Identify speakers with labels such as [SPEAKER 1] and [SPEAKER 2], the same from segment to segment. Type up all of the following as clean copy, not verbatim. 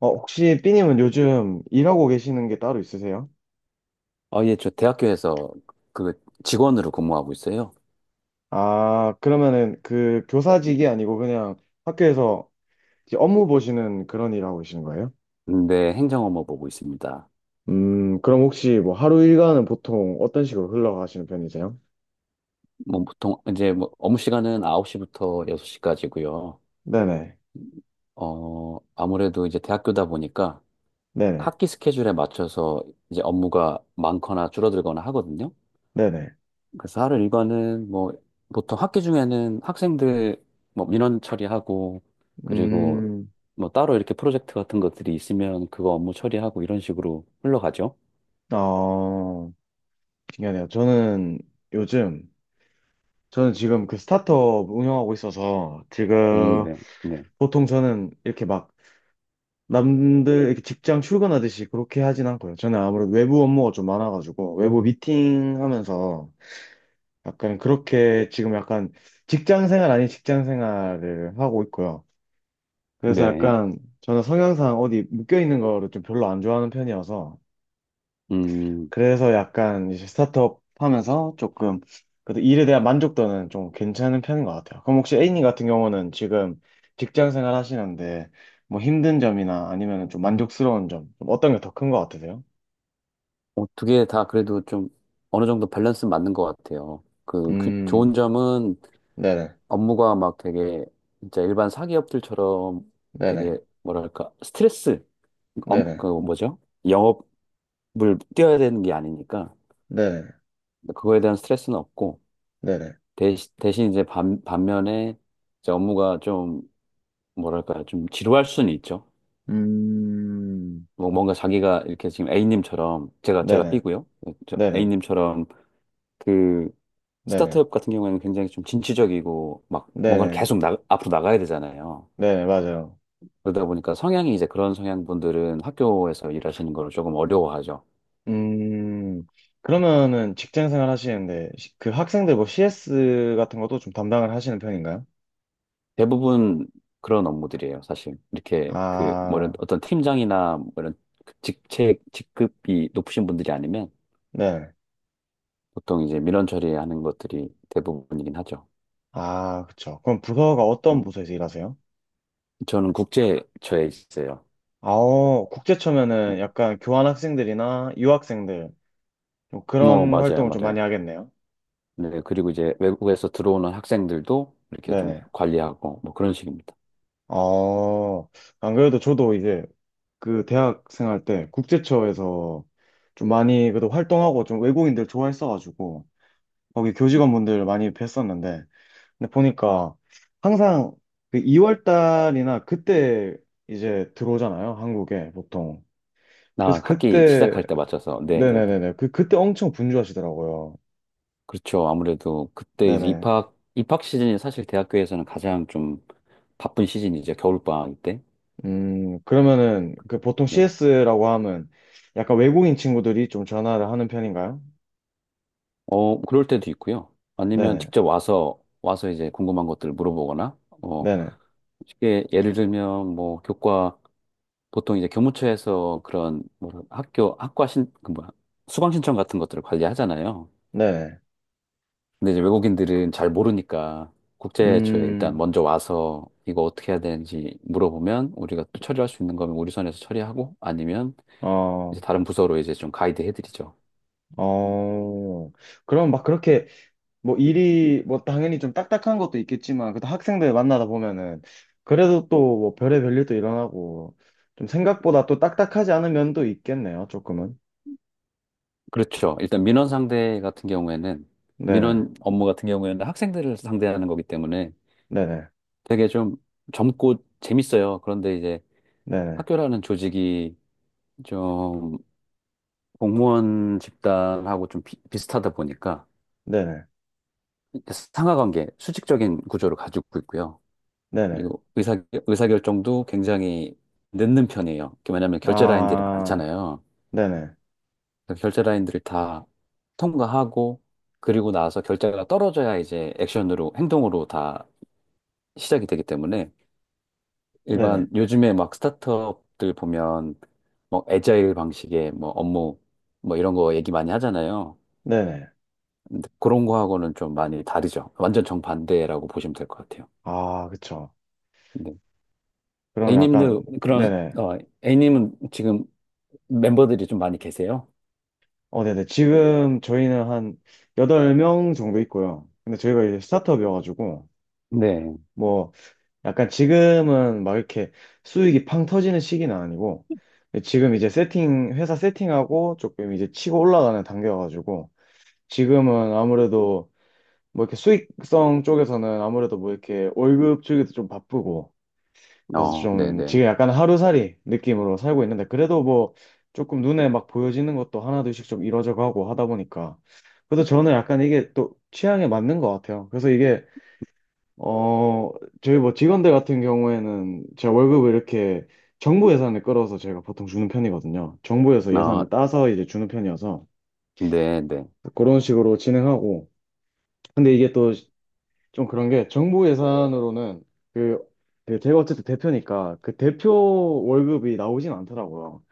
[SPEAKER 1] 혹시 삐님은 요즘 일하고 계시는 게 따로 있으세요?
[SPEAKER 2] 아, 예, 저 대학교에서 그 직원으로 근무하고 있어요.
[SPEAKER 1] 아, 그러면은 그 교사직이 아니고 그냥 학교에서 이제 업무 보시는 그런 일 하고 계시는 거예요?
[SPEAKER 2] 근데 행정 업무 보고 있습니다.
[SPEAKER 1] 그럼 혹시 뭐 하루 일과는 보통 어떤 식으로 흘러가시는 편이세요?
[SPEAKER 2] 뭐 보통 이제 뭐 업무 시간은 9시부터 6시까지고요.
[SPEAKER 1] 네네,
[SPEAKER 2] 아무래도 이제 대학교다 보니까
[SPEAKER 1] 네네,
[SPEAKER 2] 학기 스케줄에 맞춰서 이제 업무가 많거나 줄어들거나 하거든요.
[SPEAKER 1] 네네.
[SPEAKER 2] 그래서 하루 일과는 뭐 보통 학기 중에는 학생들 뭐 민원 처리하고 그리고
[SPEAKER 1] 음,
[SPEAKER 2] 뭐 따로 이렇게 프로젝트 같은 것들이 있으면 그거 업무 처리하고 이런 식으로 흘러가죠.
[SPEAKER 1] 어, 신기하네요. 요즘, 저는 지금 그 스타트업 운영하고 있어서 지금
[SPEAKER 2] 네. 네.
[SPEAKER 1] 보통 저는 이렇게 막 남들 이렇게 직장 출근하듯이 그렇게 하진 않고요. 저는 아무래도 외부 업무가 좀 많아가지고 외부 미팅 하면서 약간 그렇게 지금 약간 직장 생활 아닌 직장 생활을 하고 있고요. 그래서
[SPEAKER 2] 네.
[SPEAKER 1] 약간 저는 성향상 어디 묶여 있는 거를 좀 별로 안 좋아하는 편이어서
[SPEAKER 2] 음,
[SPEAKER 1] 그래서 약간 이제 스타트업 하면서 조금 그래도 일에 대한 만족도는 좀 괜찮은 편인 것 같아요. 그럼 혹시 A님 같은 경우는 지금 직장 생활 하시는데 뭐 힘든 점이나 아니면 좀 만족스러운 점좀 어떤 게 더 큰 것 같으세요?
[SPEAKER 2] 어떻게 다 그래도 좀 어느 정도 밸런스 맞는 것 같아요. 그, 그
[SPEAKER 1] 음,
[SPEAKER 2] 좋은 점은
[SPEAKER 1] 네네,
[SPEAKER 2] 업무가 막 되게 진짜 일반 사기업들처럼
[SPEAKER 1] 네네,
[SPEAKER 2] 되게 뭐랄까 스트레스, 업,
[SPEAKER 1] 네네,
[SPEAKER 2] 그 뭐죠? 영업을 뛰어야 되는 게 아니니까
[SPEAKER 1] 네네,
[SPEAKER 2] 그거에 대한 스트레스는 없고
[SPEAKER 1] 네네,
[SPEAKER 2] 대신 이제 반면에 이제 업무가 좀 뭐랄까 좀 지루할 수는 있죠.
[SPEAKER 1] 음,
[SPEAKER 2] 뭐 뭔가 자기가 이렇게 지금 A님처럼 제가
[SPEAKER 1] 네네,
[SPEAKER 2] B고요. 저
[SPEAKER 1] 네네,
[SPEAKER 2] A님처럼 그
[SPEAKER 1] 네네,
[SPEAKER 2] 스타트업 같은 경우에는 굉장히 좀 진취적이고 막 뭔가를
[SPEAKER 1] 네네,
[SPEAKER 2] 계속 나, 앞으로 나가야 되잖아요.
[SPEAKER 1] 네네, 맞아요.
[SPEAKER 2] 그러다 보니까 성향이 이제 그런 성향분들은 학교에서 일하시는 걸 조금 어려워하죠.
[SPEAKER 1] 음, 그러면은 직장 생활 하시는데, 그 학생들 뭐 CS 같은 것도 좀 담당을 하시는 편인가요?
[SPEAKER 2] 대부분 그런 업무들이에요, 사실. 이렇게 그 뭐 이런
[SPEAKER 1] 아,
[SPEAKER 2] 어떤 팀장이나 뭐 이런 그 직책, 직급이 높으신 분들이 아니면
[SPEAKER 1] 네.
[SPEAKER 2] 보통 이제 민원 처리하는 것들이 대부분이긴 하죠.
[SPEAKER 1] 아, 그쵸. 그럼 부서가 어떤
[SPEAKER 2] 음,
[SPEAKER 1] 부서에서 일하세요?
[SPEAKER 2] 저는 국제처에 있어요.
[SPEAKER 1] 아, 국제처면은 약간 교환 학생들이나 유학생들, 좀
[SPEAKER 2] 어,
[SPEAKER 1] 그런
[SPEAKER 2] 맞아요,
[SPEAKER 1] 활동을 좀 많이
[SPEAKER 2] 맞아요.
[SPEAKER 1] 하겠네요.
[SPEAKER 2] 네, 그리고 이제 외국에서 들어오는 학생들도 이렇게 좀
[SPEAKER 1] 네네.
[SPEAKER 2] 관리하고 뭐 그런 식입니다.
[SPEAKER 1] 어, 안 그래도 저도 이제 그 대학 생활 때 국제처에서 좀 많이 그래도 활동하고 좀 외국인들 좋아했어가지고, 거기 교직원분들 많이 뵀었는데, 근데 보니까 항상 그 2월 달이나 그때 이제 들어오잖아요, 한국에 보통.
[SPEAKER 2] 나
[SPEAKER 1] 그래서
[SPEAKER 2] 학기
[SPEAKER 1] 그때,
[SPEAKER 2] 시작할 때 맞춰서. 네, 네, 네.
[SPEAKER 1] 네네네네, 그때 엄청 분주하시더라고요.
[SPEAKER 2] 그렇죠. 아무래도 그때 이제
[SPEAKER 1] 네네.
[SPEAKER 2] 입학 시즌이 사실 대학교에서는 가장 좀 바쁜 시즌이죠. 겨울방학 때.
[SPEAKER 1] 그러면은 그 보통
[SPEAKER 2] 네.
[SPEAKER 1] CS라고 하면 약간 외국인 친구들이 좀 전화를 하는 편인가요?
[SPEAKER 2] 그럴 때도 있고요. 아니면
[SPEAKER 1] 네네,
[SPEAKER 2] 직접 와서 이제 궁금한 것들을 물어보거나 어,
[SPEAKER 1] 네네,
[SPEAKER 2] 쉽게 예를 들면 뭐 교과 보통 이제 교무처에서 그런 뭐 학교 학과 신그 뭐야 수강 신청 같은 것들을 관리하잖아요.
[SPEAKER 1] 네네.
[SPEAKER 2] 근데 이제 외국인들은 잘 모르니까 국제처에 일단
[SPEAKER 1] 음
[SPEAKER 2] 먼저 와서 이거 어떻게 해야 되는지 물어보면 우리가 또 처리할 수 있는 거면 우리 선에서 처리하고 아니면 이제
[SPEAKER 1] 어
[SPEAKER 2] 다른 부서로 이제 좀 가이드 해드리죠.
[SPEAKER 1] 어 그럼 막 그렇게 뭐 일이 뭐 당연히 좀 딱딱한 것도 있겠지만 그래도 학생들 만나다 보면은 그래도 또 뭐 별의별 일도 일어나고 좀 생각보다 또 딱딱하지 않은 면도 있겠네요, 조금은.
[SPEAKER 2] 그렇죠. 일단 민원 상대 같은 경우에는
[SPEAKER 1] 네네.
[SPEAKER 2] 민원 업무 같은 경우에는 학생들을 상대하는 거기 때문에
[SPEAKER 1] 네네.
[SPEAKER 2] 되게 좀 젊고 재밌어요. 그런데 이제
[SPEAKER 1] 네네.
[SPEAKER 2] 학교라는 조직이 좀 공무원 집단하고 좀 비슷하다 보니까
[SPEAKER 1] 네네.
[SPEAKER 2] 상하 관계, 수직적인 구조를 가지고 있고요.
[SPEAKER 1] 네네.
[SPEAKER 2] 그리고 의사결정도 굉장히 늦는 편이에요. 왜냐하면 결제 라인들이
[SPEAKER 1] 아,
[SPEAKER 2] 많잖아요.
[SPEAKER 1] 네네.
[SPEAKER 2] 그래서 결제 라인들을 다 통과하고 그리고 나서 결제가 떨어져야 이제 액션으로 행동으로 다 시작이 되기 때문에
[SPEAKER 1] 네네.
[SPEAKER 2] 일반 요즘에 막 스타트업들 보면 뭐 애자일 방식의 뭐 업무 뭐 이런 거 얘기 많이 하잖아요.
[SPEAKER 1] 네네.
[SPEAKER 2] 근데 그런 거하고는 좀 많이 다르죠. 완전 정반대라고 보시면 될 것 같아요.
[SPEAKER 1] 아, 그쵸. 그럼 약간
[SPEAKER 2] A님도 그런
[SPEAKER 1] 네네.
[SPEAKER 2] 어 A님은 지금 멤버들이 좀 많이 계세요?
[SPEAKER 1] 어, 네네. 지금 저희는 한 여덟 명 정도 있고요. 근데 저희가 이제 스타트업이어가지고
[SPEAKER 2] 네,
[SPEAKER 1] 뭐 약간 지금은 막 이렇게 수익이 팡 터지는 시기는 아니고 지금 이제 세팅 회사 세팅하고 조금 이제 치고 올라가는 단계여가지고 지금은 아무래도 뭐 이렇게 수익성 쪽에서는 아무래도 뭐 이렇게 월급 주기도 좀 바쁘고 그래서
[SPEAKER 2] 어,
[SPEAKER 1] 좀
[SPEAKER 2] 네네.
[SPEAKER 1] 지금 약간 하루살이 느낌으로 살고 있는데 그래도 뭐 조금 눈에 막 보여지는 것도 하나둘씩 좀 이뤄져 가고 하다 보니까 그래도 저는 약간 이게 또 취향에 맞는 것 같아요. 그래서 이게, 어, 저희 뭐 직원들 같은 경우에는 제가 월급을 이렇게 정부 예산을 끌어서 제가 보통 주는 편이거든요. 정부에서
[SPEAKER 2] 아,
[SPEAKER 1] 예산을 따서 이제 주는 편이어서
[SPEAKER 2] 네네.
[SPEAKER 1] 그런 식으로 진행하고. 근데 이게 또 좀 그런 게 정부 예산으로는 그, 그 제가 어쨌든 대표니까 그 대표 월급이 나오진 않더라고요.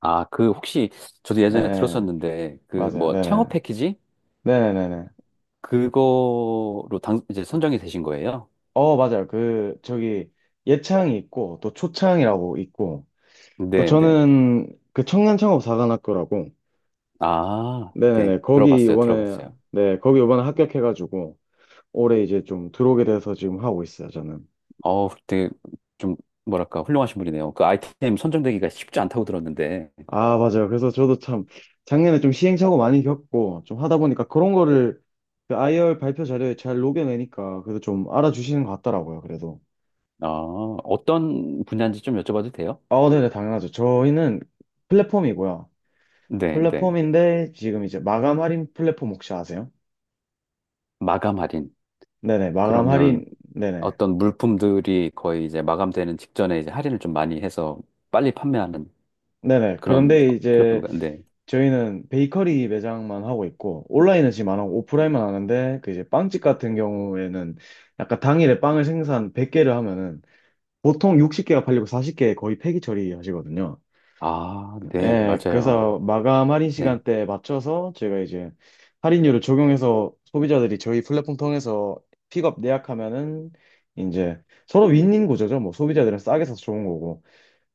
[SPEAKER 2] 아, 그 혹시 저도
[SPEAKER 1] 예,
[SPEAKER 2] 예전에
[SPEAKER 1] 예.
[SPEAKER 2] 들었었는데 그
[SPEAKER 1] 맞아요.
[SPEAKER 2] 뭐
[SPEAKER 1] 네네.
[SPEAKER 2] 창업 패키지
[SPEAKER 1] 네네네네.
[SPEAKER 2] 그거로 당 이제 선정이 되신 거예요?
[SPEAKER 1] 어, 맞아요. 그, 저기 예창이 있고 또 초창이라고 있고 또
[SPEAKER 2] 네네.
[SPEAKER 1] 저는 그 청년창업사관학교라고
[SPEAKER 2] 아,
[SPEAKER 1] 네네네.
[SPEAKER 2] 네.
[SPEAKER 1] 거기
[SPEAKER 2] 들어봤어요,
[SPEAKER 1] 이번에,
[SPEAKER 2] 들어봤어요.
[SPEAKER 1] 네, 거기 이번에 합격해가지고, 올해 이제 좀 들어오게 돼서 지금 하고 있어요, 저는.
[SPEAKER 2] 어, 되게 좀 뭐랄까 훌륭하신 분이네요. 그 아이템 선정되기가 쉽지 않다고 들었는데,
[SPEAKER 1] 아, 맞아요. 그래서 저도 참, 작년에 좀 시행착오 많이 겪고, 좀 하다 보니까 그런 거를 그 IR 발표 자료에 잘 녹여내니까, 그래도 좀 알아주시는 것 같더라고요, 그래도.
[SPEAKER 2] 아, 어떤 분야인지 좀 여쭤봐도 돼요?
[SPEAKER 1] 아, 네네, 당연하죠. 저희는 플랫폼이고요.
[SPEAKER 2] 네네.
[SPEAKER 1] 플랫폼인데, 지금 이제 마감 할인 플랫폼 혹시 아세요?
[SPEAKER 2] 마감 할인.
[SPEAKER 1] 네네, 마감 할인,
[SPEAKER 2] 그러면
[SPEAKER 1] 네네.
[SPEAKER 2] 어떤 물품들이 거의 이제 마감되는 직전에 이제 할인을 좀 많이 해서 빨리 판매하는
[SPEAKER 1] 네네.
[SPEAKER 2] 그런
[SPEAKER 1] 그런데 이제
[SPEAKER 2] 플랫폼인가요? 네.
[SPEAKER 1] 저희는 베이커리 매장만 하고 있고 온라인은 지금 안 하고 오프라인만 하는데 그 이제 빵집 같은 경우에는 약간 당일에 빵을 생산 100개를 하면은 보통 60개가 팔리고 40개 거의 폐기 처리하시거든요.
[SPEAKER 2] 아, 네,
[SPEAKER 1] 예, 그래서
[SPEAKER 2] 맞아요.
[SPEAKER 1] 마감 할인
[SPEAKER 2] 네.
[SPEAKER 1] 시간대에 맞춰서 저희가 이제 할인율을 적용해서 소비자들이 저희 플랫폼 통해서 픽업 예약하면은 이제 서로 윈윈 구조죠. 뭐 소비자들은 싸게 사서 좋은 거고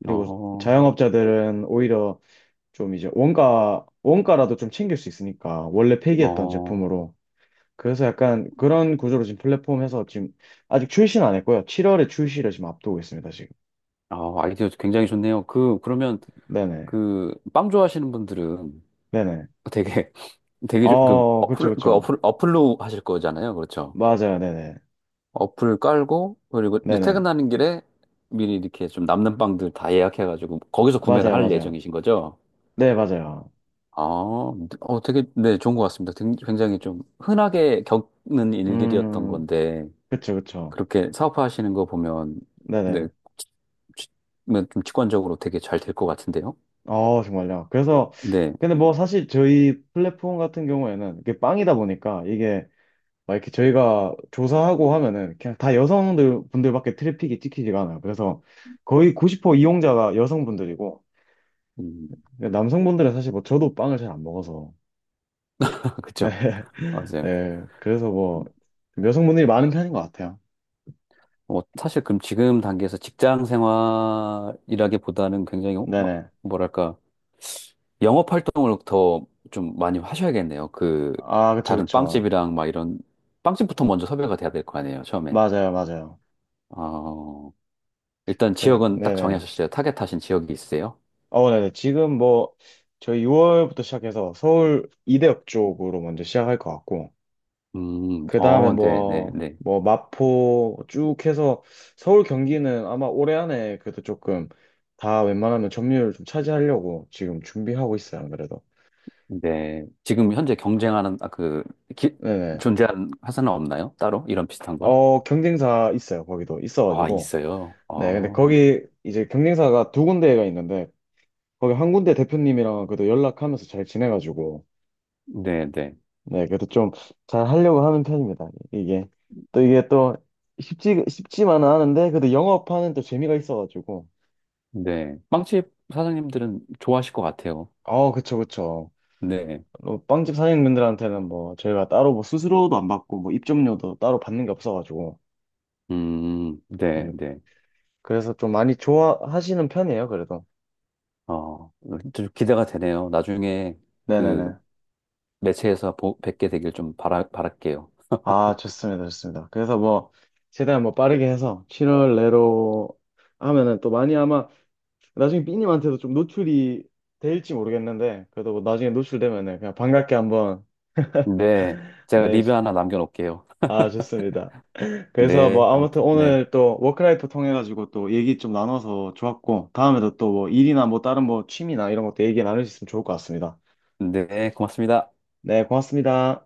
[SPEAKER 1] 그리고
[SPEAKER 2] 어,
[SPEAKER 1] 자영업자들은 오히려 좀 이제 원가, 원가라도 좀 챙길 수 있으니까, 원래 폐기했던
[SPEAKER 2] 어,
[SPEAKER 1] 제품으로. 그래서 약간 그런 구조로 지금 플랫폼에서 지금 아직 출시는 안 했고요. 7월에 출시를 지금 앞두고 있습니다, 지금.
[SPEAKER 2] 어, 아이디어 굉장히 좋네요. 그, 그러면
[SPEAKER 1] 네네.
[SPEAKER 2] 그 빵 좋아하시는 분들은
[SPEAKER 1] 네네.
[SPEAKER 2] 되게, 되게 좀
[SPEAKER 1] 어, 그쵸, 그쵸.
[SPEAKER 2] 어플로 하실 거잖아요. 그렇죠.
[SPEAKER 1] 맞아요, 네네.
[SPEAKER 2] 어플 깔고, 그리고 이제
[SPEAKER 1] 네네.
[SPEAKER 2] 퇴근하는 길에 미리 이렇게 좀 남는 빵들 다 예약해가지고 거기서 구매를
[SPEAKER 1] 맞아요,
[SPEAKER 2] 할
[SPEAKER 1] 맞아요.
[SPEAKER 2] 예정이신 거죠?
[SPEAKER 1] 네, 맞아요.
[SPEAKER 2] 아, 어, 되게, 네, 좋은 것 같습니다. 굉장히 좀 흔하게 겪는 일들이었던
[SPEAKER 1] 음,
[SPEAKER 2] 건데,
[SPEAKER 1] 그쵸, 그쵸.
[SPEAKER 2] 그렇게 사업화하시는 거 보면, 네,
[SPEAKER 1] 네네.
[SPEAKER 2] 뭐, 좀 직관적으로 되게 잘 될 것 같은데요?
[SPEAKER 1] 어, 정말요. 그래서,
[SPEAKER 2] 네,
[SPEAKER 1] 근데 뭐 사실 저희 플랫폼 같은 경우에는 이게 빵이다 보니까 이게 막 이렇게 저희가 조사하고 하면은 그냥 다 여성들 분들밖에 트래픽이 찍히지가 않아요. 그래서 거의 90% 이용자가 여성분들이고
[SPEAKER 2] 음,
[SPEAKER 1] 남성분들은 사실 뭐 저도 빵을 잘 안 먹어서 네,
[SPEAKER 2] 그쵸. 맞아요.
[SPEAKER 1] 네. 그래서 뭐 여성분들이 많은 편인 것 같아요.
[SPEAKER 2] 뭐 사실 그럼 지금 단계에서 직장 생활이라기보다는 굉장히 어, 막,
[SPEAKER 1] 네네.
[SPEAKER 2] 뭐랄까, 영업 활동을 더 좀 많이 하셔야겠네요. 그,
[SPEAKER 1] 아, 그쵸,
[SPEAKER 2] 다른
[SPEAKER 1] 그쵸.
[SPEAKER 2] 빵집이랑 막 이런, 빵집부터 먼저 섭외가 돼야 될 거 아니에요, 처음엔.
[SPEAKER 1] 맞아요, 맞아요.
[SPEAKER 2] 아 일단
[SPEAKER 1] 그
[SPEAKER 2] 지역은 딱
[SPEAKER 1] 네네.
[SPEAKER 2] 정하셨어요. 타겟하신 지역이 있으세요?
[SPEAKER 1] 어 네네. 지금 뭐 저희 6월부터 시작해서 서울 이대역 쪽으로 먼저 시작할 것 같고 그 다음에
[SPEAKER 2] 어, 네, 네, 네.
[SPEAKER 1] 마포 쭉 해서 서울 경기는 아마 올해 안에 그래도 조금 다 웬만하면 점유율 좀 차지하려고 지금 준비하고 있어요, 안 그래도.
[SPEAKER 2] 네. 지금 현재 경쟁하는, 아, 그, 기,
[SPEAKER 1] 네네.
[SPEAKER 2] 존재하는 회사는 없나요? 따로? 이런 비슷한 걸?
[SPEAKER 1] 어, 경쟁사 있어요, 거기도.
[SPEAKER 2] 아,
[SPEAKER 1] 있어가지고.
[SPEAKER 2] 있어요.
[SPEAKER 1] 네, 근데
[SPEAKER 2] 어,
[SPEAKER 1] 거기 이제 경쟁사가 두 군데가 있는데, 거기 한 군데 대표님이랑 그래도 연락하면서 잘 지내가지고,
[SPEAKER 2] 네, 네,
[SPEAKER 1] 네, 그래도 좀 잘 하려고 하는 편입니다, 이게. 또 이게 또 쉽지, 쉽지만은 않은데, 그래도 영업하는 또 재미가 있어가지고.
[SPEAKER 2] 네. 빵집 사장님들은 좋아하실 것 같아요.
[SPEAKER 1] 어, 그쵸, 그쵸.
[SPEAKER 2] 네.
[SPEAKER 1] 뭐 빵집 사장님들한테는 뭐 저희가 따로 뭐 수수료도 안 받고 뭐 입점료도 따로 받는 게 없어가지고
[SPEAKER 2] 네,
[SPEAKER 1] 음,
[SPEAKER 2] 네.
[SPEAKER 1] 그래서 좀 많이 좋아하시는 편이에요 그래도.
[SPEAKER 2] 어, 좀 기대가 되네요. 나중에 그
[SPEAKER 1] 네네네.
[SPEAKER 2] 매체에서 뵙게 되길 좀 바랄게요.
[SPEAKER 1] 아, 좋습니다, 좋습니다. 그래서 뭐 최대한 뭐 빠르게 해서 7월 내로 하면은 또 많이 아마 나중에 삐님한테도 좀 노출이 될지 모르겠는데 그래도 뭐 나중에 노출되면은 그냥 반갑게 한번
[SPEAKER 2] 네. 제가
[SPEAKER 1] 네.
[SPEAKER 2] 리뷰 하나 남겨놓을게요.
[SPEAKER 1] 아, 좋습니다. 그래서
[SPEAKER 2] 네.
[SPEAKER 1] 뭐 아무튼
[SPEAKER 2] 아무튼, 네.
[SPEAKER 1] 오늘 또 워크라이프 통해가지고 또 얘기 좀 나눠서 좋았고 다음에도 또 뭐 일이나 뭐 다른 뭐 취미나 이런 것도 얘기 나눌 수 있으면 좋을 것 같습니다.
[SPEAKER 2] 네, 고맙습니다.
[SPEAKER 1] 네, 고맙습니다.